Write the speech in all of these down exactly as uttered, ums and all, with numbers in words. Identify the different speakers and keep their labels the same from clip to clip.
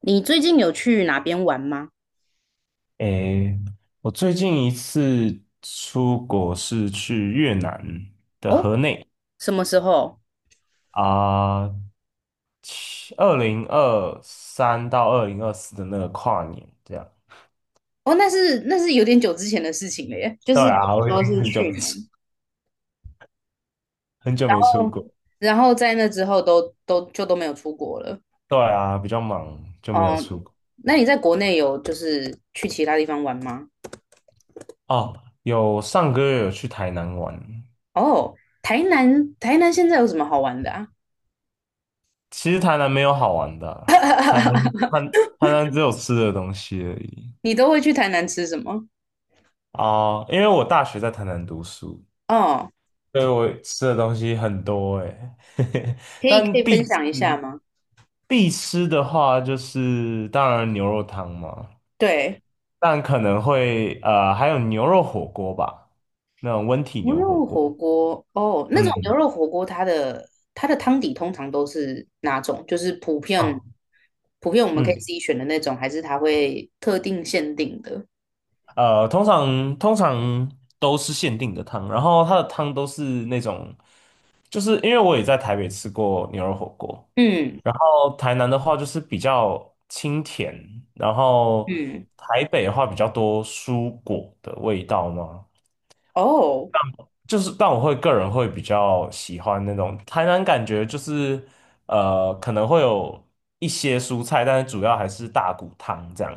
Speaker 1: 你最近有去哪边玩吗？
Speaker 2: 诶，我最近一次出国是去越南的
Speaker 1: 哦，
Speaker 2: 河内
Speaker 1: 什么时候？
Speaker 2: 啊，二零二三到二零二四的那个跨年这样。
Speaker 1: 哦，那是那是有点久之前的事情了耶，就
Speaker 2: 对
Speaker 1: 是等
Speaker 2: 啊，
Speaker 1: 于
Speaker 2: 我已
Speaker 1: 说
Speaker 2: 经
Speaker 1: 是
Speaker 2: 很久
Speaker 1: 去
Speaker 2: 没出，
Speaker 1: 年。
Speaker 2: 很久没出国。
Speaker 1: 然后在那之后都都就都没有出国了。
Speaker 2: 对啊，比较忙就没有
Speaker 1: 哦，
Speaker 2: 出国。
Speaker 1: 那你在国内有就是去其他地方玩吗？
Speaker 2: 哦，有上个月有去台南玩，
Speaker 1: 哦，台南台南现在有什么好玩的啊？
Speaker 2: 其实台南没有好玩的啊。台南 台台南只有吃的东西而已
Speaker 1: 你都会去台南吃什么？
Speaker 2: 啊，因为我大学在台南读书。
Speaker 1: 哦，
Speaker 2: 对，我吃的东西很多诶，欸
Speaker 1: 可以可以
Speaker 2: 但必
Speaker 1: 分
Speaker 2: 吃
Speaker 1: 享一下吗？
Speaker 2: 必吃的话，就是当然牛肉汤嘛，
Speaker 1: 对。
Speaker 2: 但可能会呃还有牛肉火锅吧，那种温体
Speaker 1: 牛
Speaker 2: 牛火
Speaker 1: 肉火
Speaker 2: 锅。
Speaker 1: 锅哦，那种牛
Speaker 2: 嗯
Speaker 1: 肉火锅，它的它的汤底通常都是哪种？就是普遍
Speaker 2: 啊
Speaker 1: 普遍我们可以
Speaker 2: 嗯
Speaker 1: 自己选的那种，还是它会特定限定的？
Speaker 2: 呃，通常通常都是限定的汤，然后它的汤都是那种，就是因为我也在台北吃过牛肉火锅，
Speaker 1: 嗯
Speaker 2: 然后台南的话就是比较清甜，然后
Speaker 1: 嗯，
Speaker 2: 台北的话比较多蔬果的味道嘛，
Speaker 1: 哦，
Speaker 2: 就是但我会个人会比较喜欢那种，台南感觉就是呃可能会有一些蔬菜，但是主要还是大骨汤这样，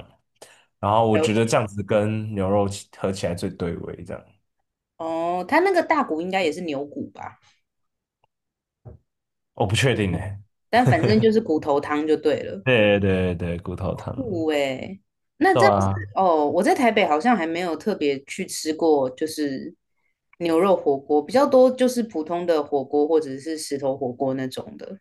Speaker 2: 然后我
Speaker 1: 了
Speaker 2: 觉得
Speaker 1: 解。
Speaker 2: 这样子跟牛肉起合起来最对味这样，
Speaker 1: 哦，它那个大骨应该也是牛骨吧？
Speaker 2: 我不确定呢、
Speaker 1: 但反正就是骨头汤就对了。
Speaker 2: 对对对对，骨头汤，
Speaker 1: 酷诶，那
Speaker 2: 对
Speaker 1: 这样子
Speaker 2: 啊。
Speaker 1: 哦，我在台北好像还没有特别去吃过，就是牛肉火锅，比较多就是普通的火锅或者是石头火锅那种的。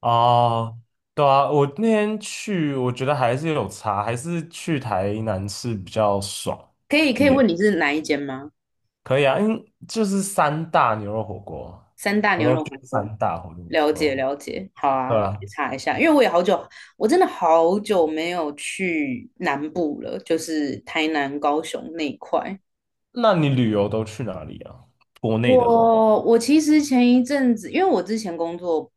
Speaker 2: 哦，对啊，我那天去，我觉得还是有差，还是去台南吃比较爽
Speaker 1: 可以可
Speaker 2: 一
Speaker 1: 以
Speaker 2: 点。
Speaker 1: 问你是哪一间吗？
Speaker 2: 可以啊，因为就是三大牛肉火锅，
Speaker 1: 三大
Speaker 2: 我
Speaker 1: 牛
Speaker 2: 都
Speaker 1: 肉火
Speaker 2: 去
Speaker 1: 锅，
Speaker 2: 三大火牛
Speaker 1: 了
Speaker 2: 肉火
Speaker 1: 解
Speaker 2: 锅。哦，
Speaker 1: 了解，好
Speaker 2: 对
Speaker 1: 啊，
Speaker 2: 啊，
Speaker 1: 去查一下，因为我也好久，我真的好久没有去南部了，就是台南、高雄那一块。
Speaker 2: 那你旅游都去哪里啊？国内的话，
Speaker 1: 我我其实前一阵子，因为我之前工作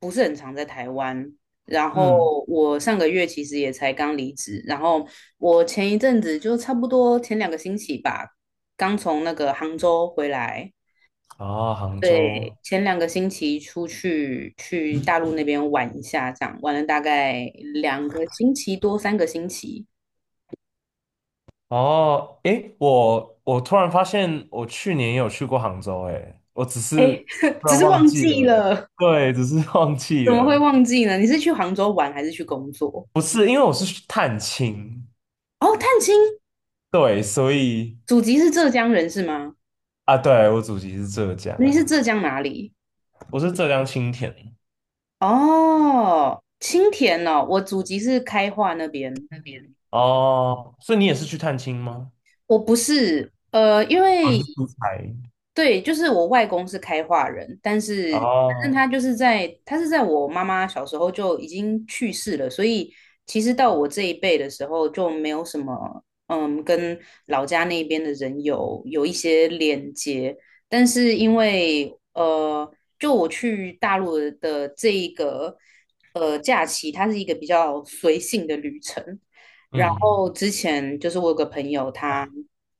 Speaker 1: 不是很常在台湾，然后
Speaker 2: 嗯，
Speaker 1: 我上个月其实也才刚离职，然后我前一阵子就差不多前两个星期吧，刚从那个杭州回来。
Speaker 2: 啊，杭
Speaker 1: 对，
Speaker 2: 州。
Speaker 1: 前两个星期出去去大陆那边玩一下，这样玩了大概两个星期多，三个星期。
Speaker 2: 哦，诶，我我突然发现，我去年也有去过杭州，诶，我只是
Speaker 1: 哎，
Speaker 2: 突
Speaker 1: 只
Speaker 2: 然
Speaker 1: 是
Speaker 2: 忘
Speaker 1: 忘
Speaker 2: 记
Speaker 1: 记
Speaker 2: 了，
Speaker 1: 了。
Speaker 2: 对，只是忘记
Speaker 1: 怎么会
Speaker 2: 了。
Speaker 1: 忘记呢？你是去杭州玩还是去工作？
Speaker 2: 不是，因为我是去探亲，
Speaker 1: 哦，探亲，
Speaker 2: 对，所以
Speaker 1: 祖籍是浙江人是吗？
Speaker 2: 啊，对，我祖籍是浙江，
Speaker 1: 你是浙江哪里？
Speaker 2: 我是浙江青田。
Speaker 1: 哦，青田哦，我祖籍是开化那边。
Speaker 2: 那边。哦，所以你也是去探亲吗？
Speaker 1: 我不是，呃，因
Speaker 2: 我
Speaker 1: 为
Speaker 2: 你是出差。
Speaker 1: 对，就是我外公是开化人，但是反正他
Speaker 2: 哦，
Speaker 1: 就是在，他是在我妈妈小时候就已经去世了，所以其实到我这一辈的时候就没有什么，嗯，跟老家那边的人有有一些连接，但是因为呃，就我去大陆的这一个呃假期，它是一个比较随性的旅程。然
Speaker 2: 嗯，
Speaker 1: 后之前就是我有个朋友，他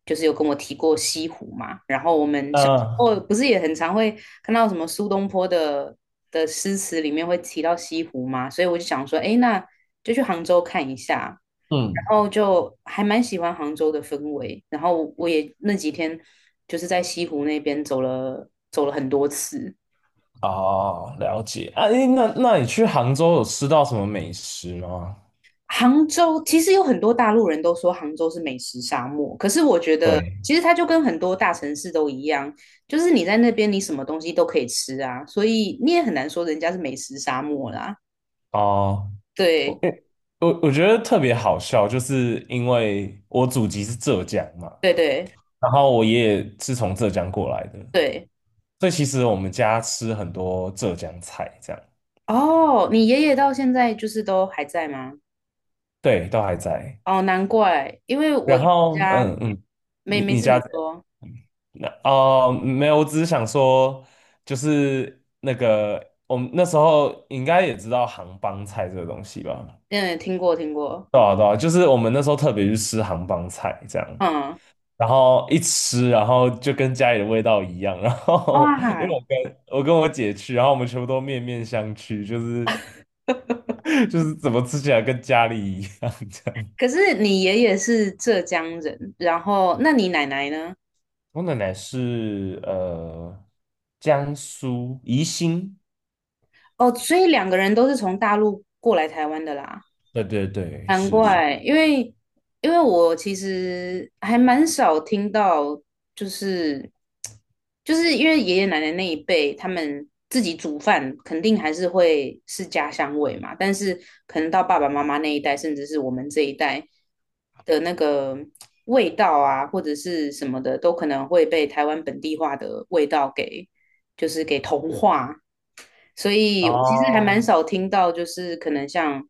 Speaker 1: 就是有跟我提过西湖嘛，然后我们小时
Speaker 2: 嗯，
Speaker 1: 候不是也很常会看到什么苏东坡的的诗词里面会提到西湖嘛，所以我就想说，哎，那就去杭州看一下，然
Speaker 2: 嗯，
Speaker 1: 后就还蛮喜欢杭州的氛围，然后我也那几天就是在西湖那边走了走了很多次。
Speaker 2: 哦，了解。啊，诶，那那你去杭州有吃到什么美食吗？
Speaker 1: 杭州其实有很多大陆人都说杭州是美食沙漠，可是我觉得
Speaker 2: 对，
Speaker 1: 其实它就跟很多大城市都一样，就是你在那边你什么东西都可以吃啊，所以你也很难说人家是美食沙漠啦。
Speaker 2: 哦，我
Speaker 1: 对
Speaker 2: 诶我我觉得特别好笑，就是因为我祖籍是浙江嘛，
Speaker 1: 对对
Speaker 2: 然后我爷爷是从浙江过来的，
Speaker 1: 对，
Speaker 2: 所以其实我们家吃很多浙江菜，这样。
Speaker 1: 哦，你爷爷到现在就是都还在吗？
Speaker 2: 对，都还在。
Speaker 1: 哦，难怪，因为我
Speaker 2: 然后，
Speaker 1: 家
Speaker 2: 嗯嗯，
Speaker 1: 没
Speaker 2: 你
Speaker 1: 没
Speaker 2: 你
Speaker 1: 事，
Speaker 2: 家
Speaker 1: 你
Speaker 2: 怎样
Speaker 1: 说，
Speaker 2: 那哦，没有，我只是想说，就是那个我们那时候应该也知道杭帮菜这个东西吧？
Speaker 1: 嗯，听过听过，
Speaker 2: 对啊对啊，就是我们那时候特别去吃杭帮菜这样，
Speaker 1: 嗯，
Speaker 2: 然后一吃，然后就跟家里的味道一样。然后 因为
Speaker 1: 哇，
Speaker 2: 我跟我跟我姐去，然后我们全部都面面相觑，就是 就是怎么吃起来跟家里一样这样。
Speaker 1: 可是你爷爷是浙江人，然后那你奶奶呢？
Speaker 2: 我奶奶是呃江苏宜兴，
Speaker 1: 哦，所以两个人都是从大陆过来台湾的啦，
Speaker 2: 对对对，
Speaker 1: 难
Speaker 2: 是是。
Speaker 1: 怪，因为因为我其实还蛮少听到就是就是因为爷爷奶奶那一辈，他们自己煮饭肯定还是会是家乡味嘛，但是可能到爸爸妈妈那一代，甚至是我们这一代的那个味道啊，或者是什么的，都可能会被台湾本地化的味道给就是给同化。所以我其实还蛮
Speaker 2: 哦，
Speaker 1: 少听到，就是可能像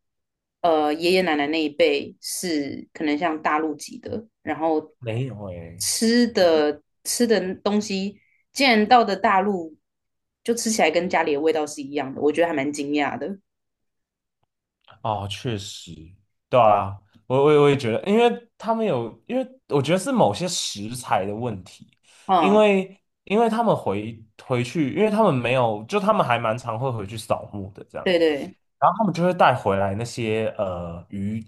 Speaker 1: 呃爷爷奶奶那一辈是可能像大陆籍的，然后
Speaker 2: 没有诶，
Speaker 1: 吃的吃的东西，竟然到的大陆就吃起来跟家里的味道是一样的，我觉得还蛮惊讶的。
Speaker 2: 哦，确实，对啊，我我我也觉得，因为他们有，因为我觉得是某些食材的问题，因
Speaker 1: 嗯，
Speaker 2: 为因为他们回回去，因为他们没有，就他们还蛮常会回去扫墓的这样。
Speaker 1: 对对，
Speaker 2: 然后他们就会带回来那些呃鱼，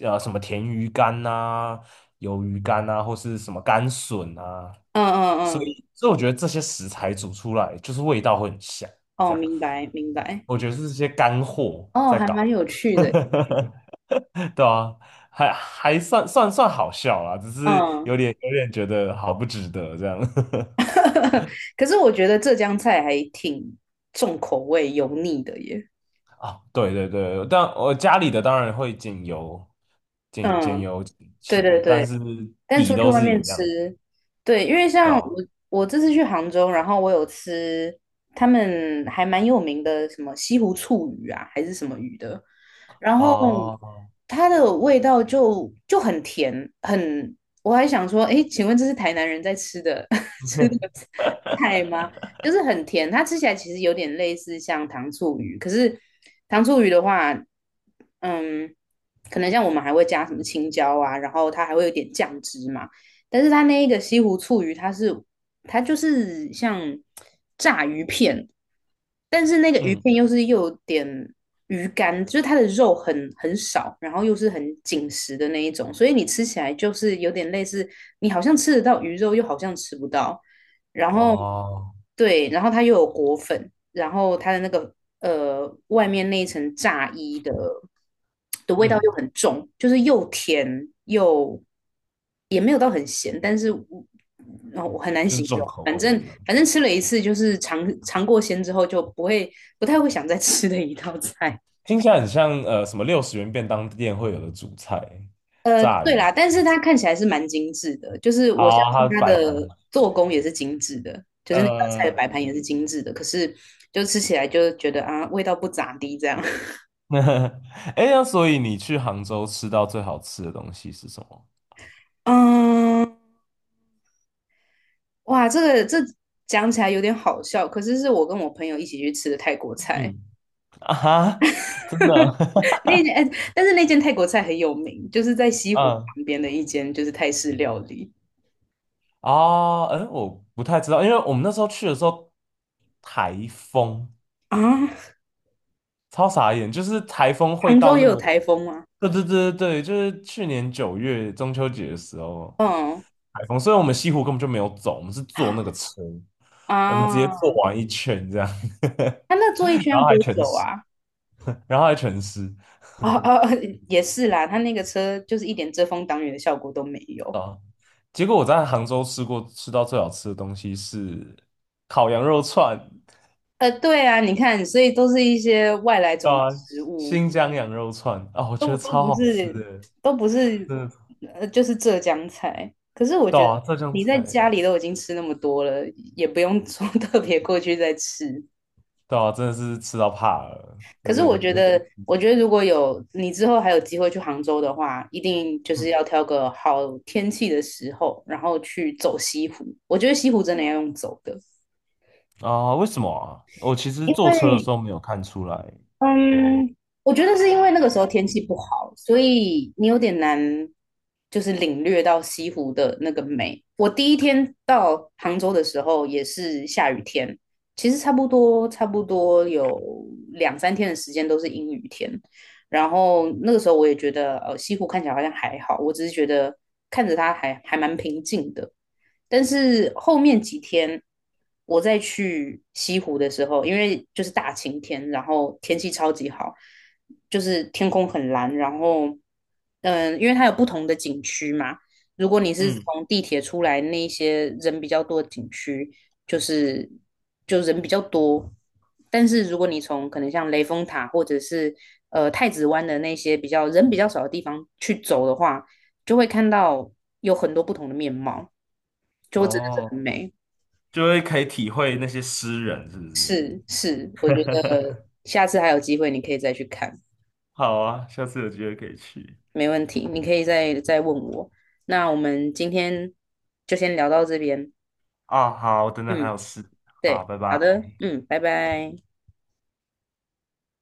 Speaker 2: 呃什么甜鱼干呐、鱿鱼干呐、或是什么干笋啊，
Speaker 1: 嗯嗯
Speaker 2: 所
Speaker 1: 嗯，
Speaker 2: 以所以我觉得这些食材煮出来就是味道会很香。这
Speaker 1: 哦，
Speaker 2: 样，
Speaker 1: 明白明白，
Speaker 2: 我觉得是这些干货
Speaker 1: 哦，
Speaker 2: 在
Speaker 1: 还蛮
Speaker 2: 搞，
Speaker 1: 有趣的。
Speaker 2: 对啊，还还算算算好笑啦，只是
Speaker 1: 嗯，
Speaker 2: 有点有点觉得好不值得这样。
Speaker 1: 可是我觉得浙江菜还挺重口味、油腻的耶。
Speaker 2: 对对对，但我家里的当然会减油，减减
Speaker 1: 嗯，
Speaker 2: 油
Speaker 1: 对对
Speaker 2: 钱，
Speaker 1: 对。
Speaker 2: 但是
Speaker 1: 但
Speaker 2: 底
Speaker 1: 出去
Speaker 2: 都
Speaker 1: 外
Speaker 2: 是
Speaker 1: 面
Speaker 2: 一样
Speaker 1: 吃，
Speaker 2: 的，
Speaker 1: 对，因为
Speaker 2: 对
Speaker 1: 像我
Speaker 2: 吧？
Speaker 1: 我这次去杭州，然后我有吃他们还蛮有名的什么西湖醋鱼啊，还是什么鱼的，然后
Speaker 2: 哦，
Speaker 1: 它的味道就就很甜，很，我还想说，哎，请问这是台南人在吃的 吃的 菜吗？就是很甜，它吃起来其实有点类似像糖醋鱼，可是糖醋鱼的话，嗯，可能像我们还会加什么青椒啊，然后它还会有点酱汁嘛，但是它那一个西湖醋鱼，它是它就是像炸鱼片，但是那个鱼
Speaker 2: 嗯，
Speaker 1: 片又是又有点鱼干，就是它的肉很很少，然后又是很紧实的那一种，所以你吃起来就是有点类似，你好像吃得到鱼肉，又好像吃不到。然后
Speaker 2: 哦，
Speaker 1: 对，然后它又有果粉，然后它的那个呃外面那一层炸衣的的味道
Speaker 2: 嗯，
Speaker 1: 又很重，就是又甜又也没有到很咸，但是我然后我很难
Speaker 2: 就是
Speaker 1: 形
Speaker 2: 重
Speaker 1: 容，
Speaker 2: 口
Speaker 1: 反
Speaker 2: 味
Speaker 1: 正
Speaker 2: 这样，
Speaker 1: 反正吃了一次就是尝尝过鲜之后就不会不太会想再吃的一道菜。
Speaker 2: 听起来很像呃什么六十元便当店会有的主菜，
Speaker 1: 呃，
Speaker 2: 炸
Speaker 1: 对
Speaker 2: 鱼，
Speaker 1: 啦，但是它看起来是蛮精致的，就是我相
Speaker 2: 哦，
Speaker 1: 信
Speaker 2: 它
Speaker 1: 它
Speaker 2: 摆盘很，
Speaker 1: 的做工也是精致的，就是那道菜的摆
Speaker 2: 呃，
Speaker 1: 盘也是精致的，可是就吃起来就觉得啊，味道不咋地这样。
Speaker 2: 哎，那所以你去杭州吃到最好吃的东西是什么？
Speaker 1: 嗯，哇，这个这讲起来有点好笑，可是是我跟我朋友一起去吃的泰国菜，
Speaker 2: 嗯，啊哈，真的，
Speaker 1: 那间，哎，但是那间泰国菜很有名，就是在西 湖
Speaker 2: 嗯。
Speaker 1: 旁边的一间就是泰式料理
Speaker 2: 啊，哎，我不太知道，因为我们那时候去的时候，台风，
Speaker 1: 啊。
Speaker 2: 超傻眼，就是台风会
Speaker 1: 杭州
Speaker 2: 到
Speaker 1: 也
Speaker 2: 那
Speaker 1: 有
Speaker 2: 么，
Speaker 1: 台风吗？
Speaker 2: 对对对对对，就是去年九月中秋节的时候，
Speaker 1: 嗯，
Speaker 2: 台风，所以我们西湖根本就没有走，我们是坐那个车，我们直接
Speaker 1: 啊，
Speaker 2: 坐完一圈这样，
Speaker 1: 它那 坐一圈
Speaker 2: 然
Speaker 1: 要
Speaker 2: 后还
Speaker 1: 多
Speaker 2: 全
Speaker 1: 久
Speaker 2: 湿，
Speaker 1: 啊？
Speaker 2: 然后还全湿
Speaker 1: 哦哦，也是啦，他那个车就是一点遮风挡雨的效果都没有。
Speaker 2: 啊。结果我在杭州吃过吃到最好吃的东西是烤羊肉串，
Speaker 1: 呃，对啊，你看，所以都是一些外来
Speaker 2: 对
Speaker 1: 种
Speaker 2: 啊，
Speaker 1: 植物，
Speaker 2: 新疆羊肉串啊，我觉
Speaker 1: 都
Speaker 2: 得
Speaker 1: 都
Speaker 2: 超
Speaker 1: 不
Speaker 2: 好吃
Speaker 1: 是，
Speaker 2: 的，
Speaker 1: 都不是，
Speaker 2: 真的，
Speaker 1: 呃，就是浙江菜。可是我
Speaker 2: 对
Speaker 1: 觉得
Speaker 2: 啊，浙江
Speaker 1: 你在
Speaker 2: 菜，
Speaker 1: 家里都已经吃那么多了，也不用说 特别过去再吃。
Speaker 2: 对啊，真的是吃到怕了，
Speaker 1: 可
Speaker 2: 有
Speaker 1: 是
Speaker 2: 点
Speaker 1: 我觉
Speaker 2: 有
Speaker 1: 得，
Speaker 2: 点，
Speaker 1: 我觉得如果有你之后还有机会去杭州的话，一定就
Speaker 2: 嗯
Speaker 1: 是要挑个好天气的时候，然后去走西湖。我觉得西湖真的要用走的。
Speaker 2: 啊，为什么啊？我其实
Speaker 1: 因
Speaker 2: 坐车的
Speaker 1: 为
Speaker 2: 时候没有看出来，
Speaker 1: 嗯，我觉得是因为那个时候天气不好，所以你有点难，就是领略到西湖的那个美。我第一天到杭州的时候也是下雨天，其实差不多差不多有两三天的时间都是阴雨天，然后那个时候我也觉得，呃，西湖看起来好像还好，我只是觉得看着它还还蛮平静的。但是后面几天我再去西湖的时候，因为就是大晴天，然后天气超级好，就是天空很蓝，然后嗯，因为它有不同的景区嘛，如果你是
Speaker 2: 嗯，
Speaker 1: 从地铁出来那一些人比较多的景区，就是就人比较多。但是如果你从可能像雷峰塔或者是呃太子湾的那些比较人比较少的地方去走的话，就会看到有很多不同的面貌，就会真的是
Speaker 2: 哦，
Speaker 1: 很美。
Speaker 2: 就会可以体会那些诗人是不是？
Speaker 1: 是是，我觉 得下次还有机会你可以再去看，
Speaker 2: 好啊，下次有机会可以去。
Speaker 1: 没问题，你可以再再问我。那我们今天就先聊到这边，
Speaker 2: 啊，好，我等等还
Speaker 1: 嗯，
Speaker 2: 有事，
Speaker 1: 对，
Speaker 2: 好，拜拜。
Speaker 1: 好的，嗯，拜拜。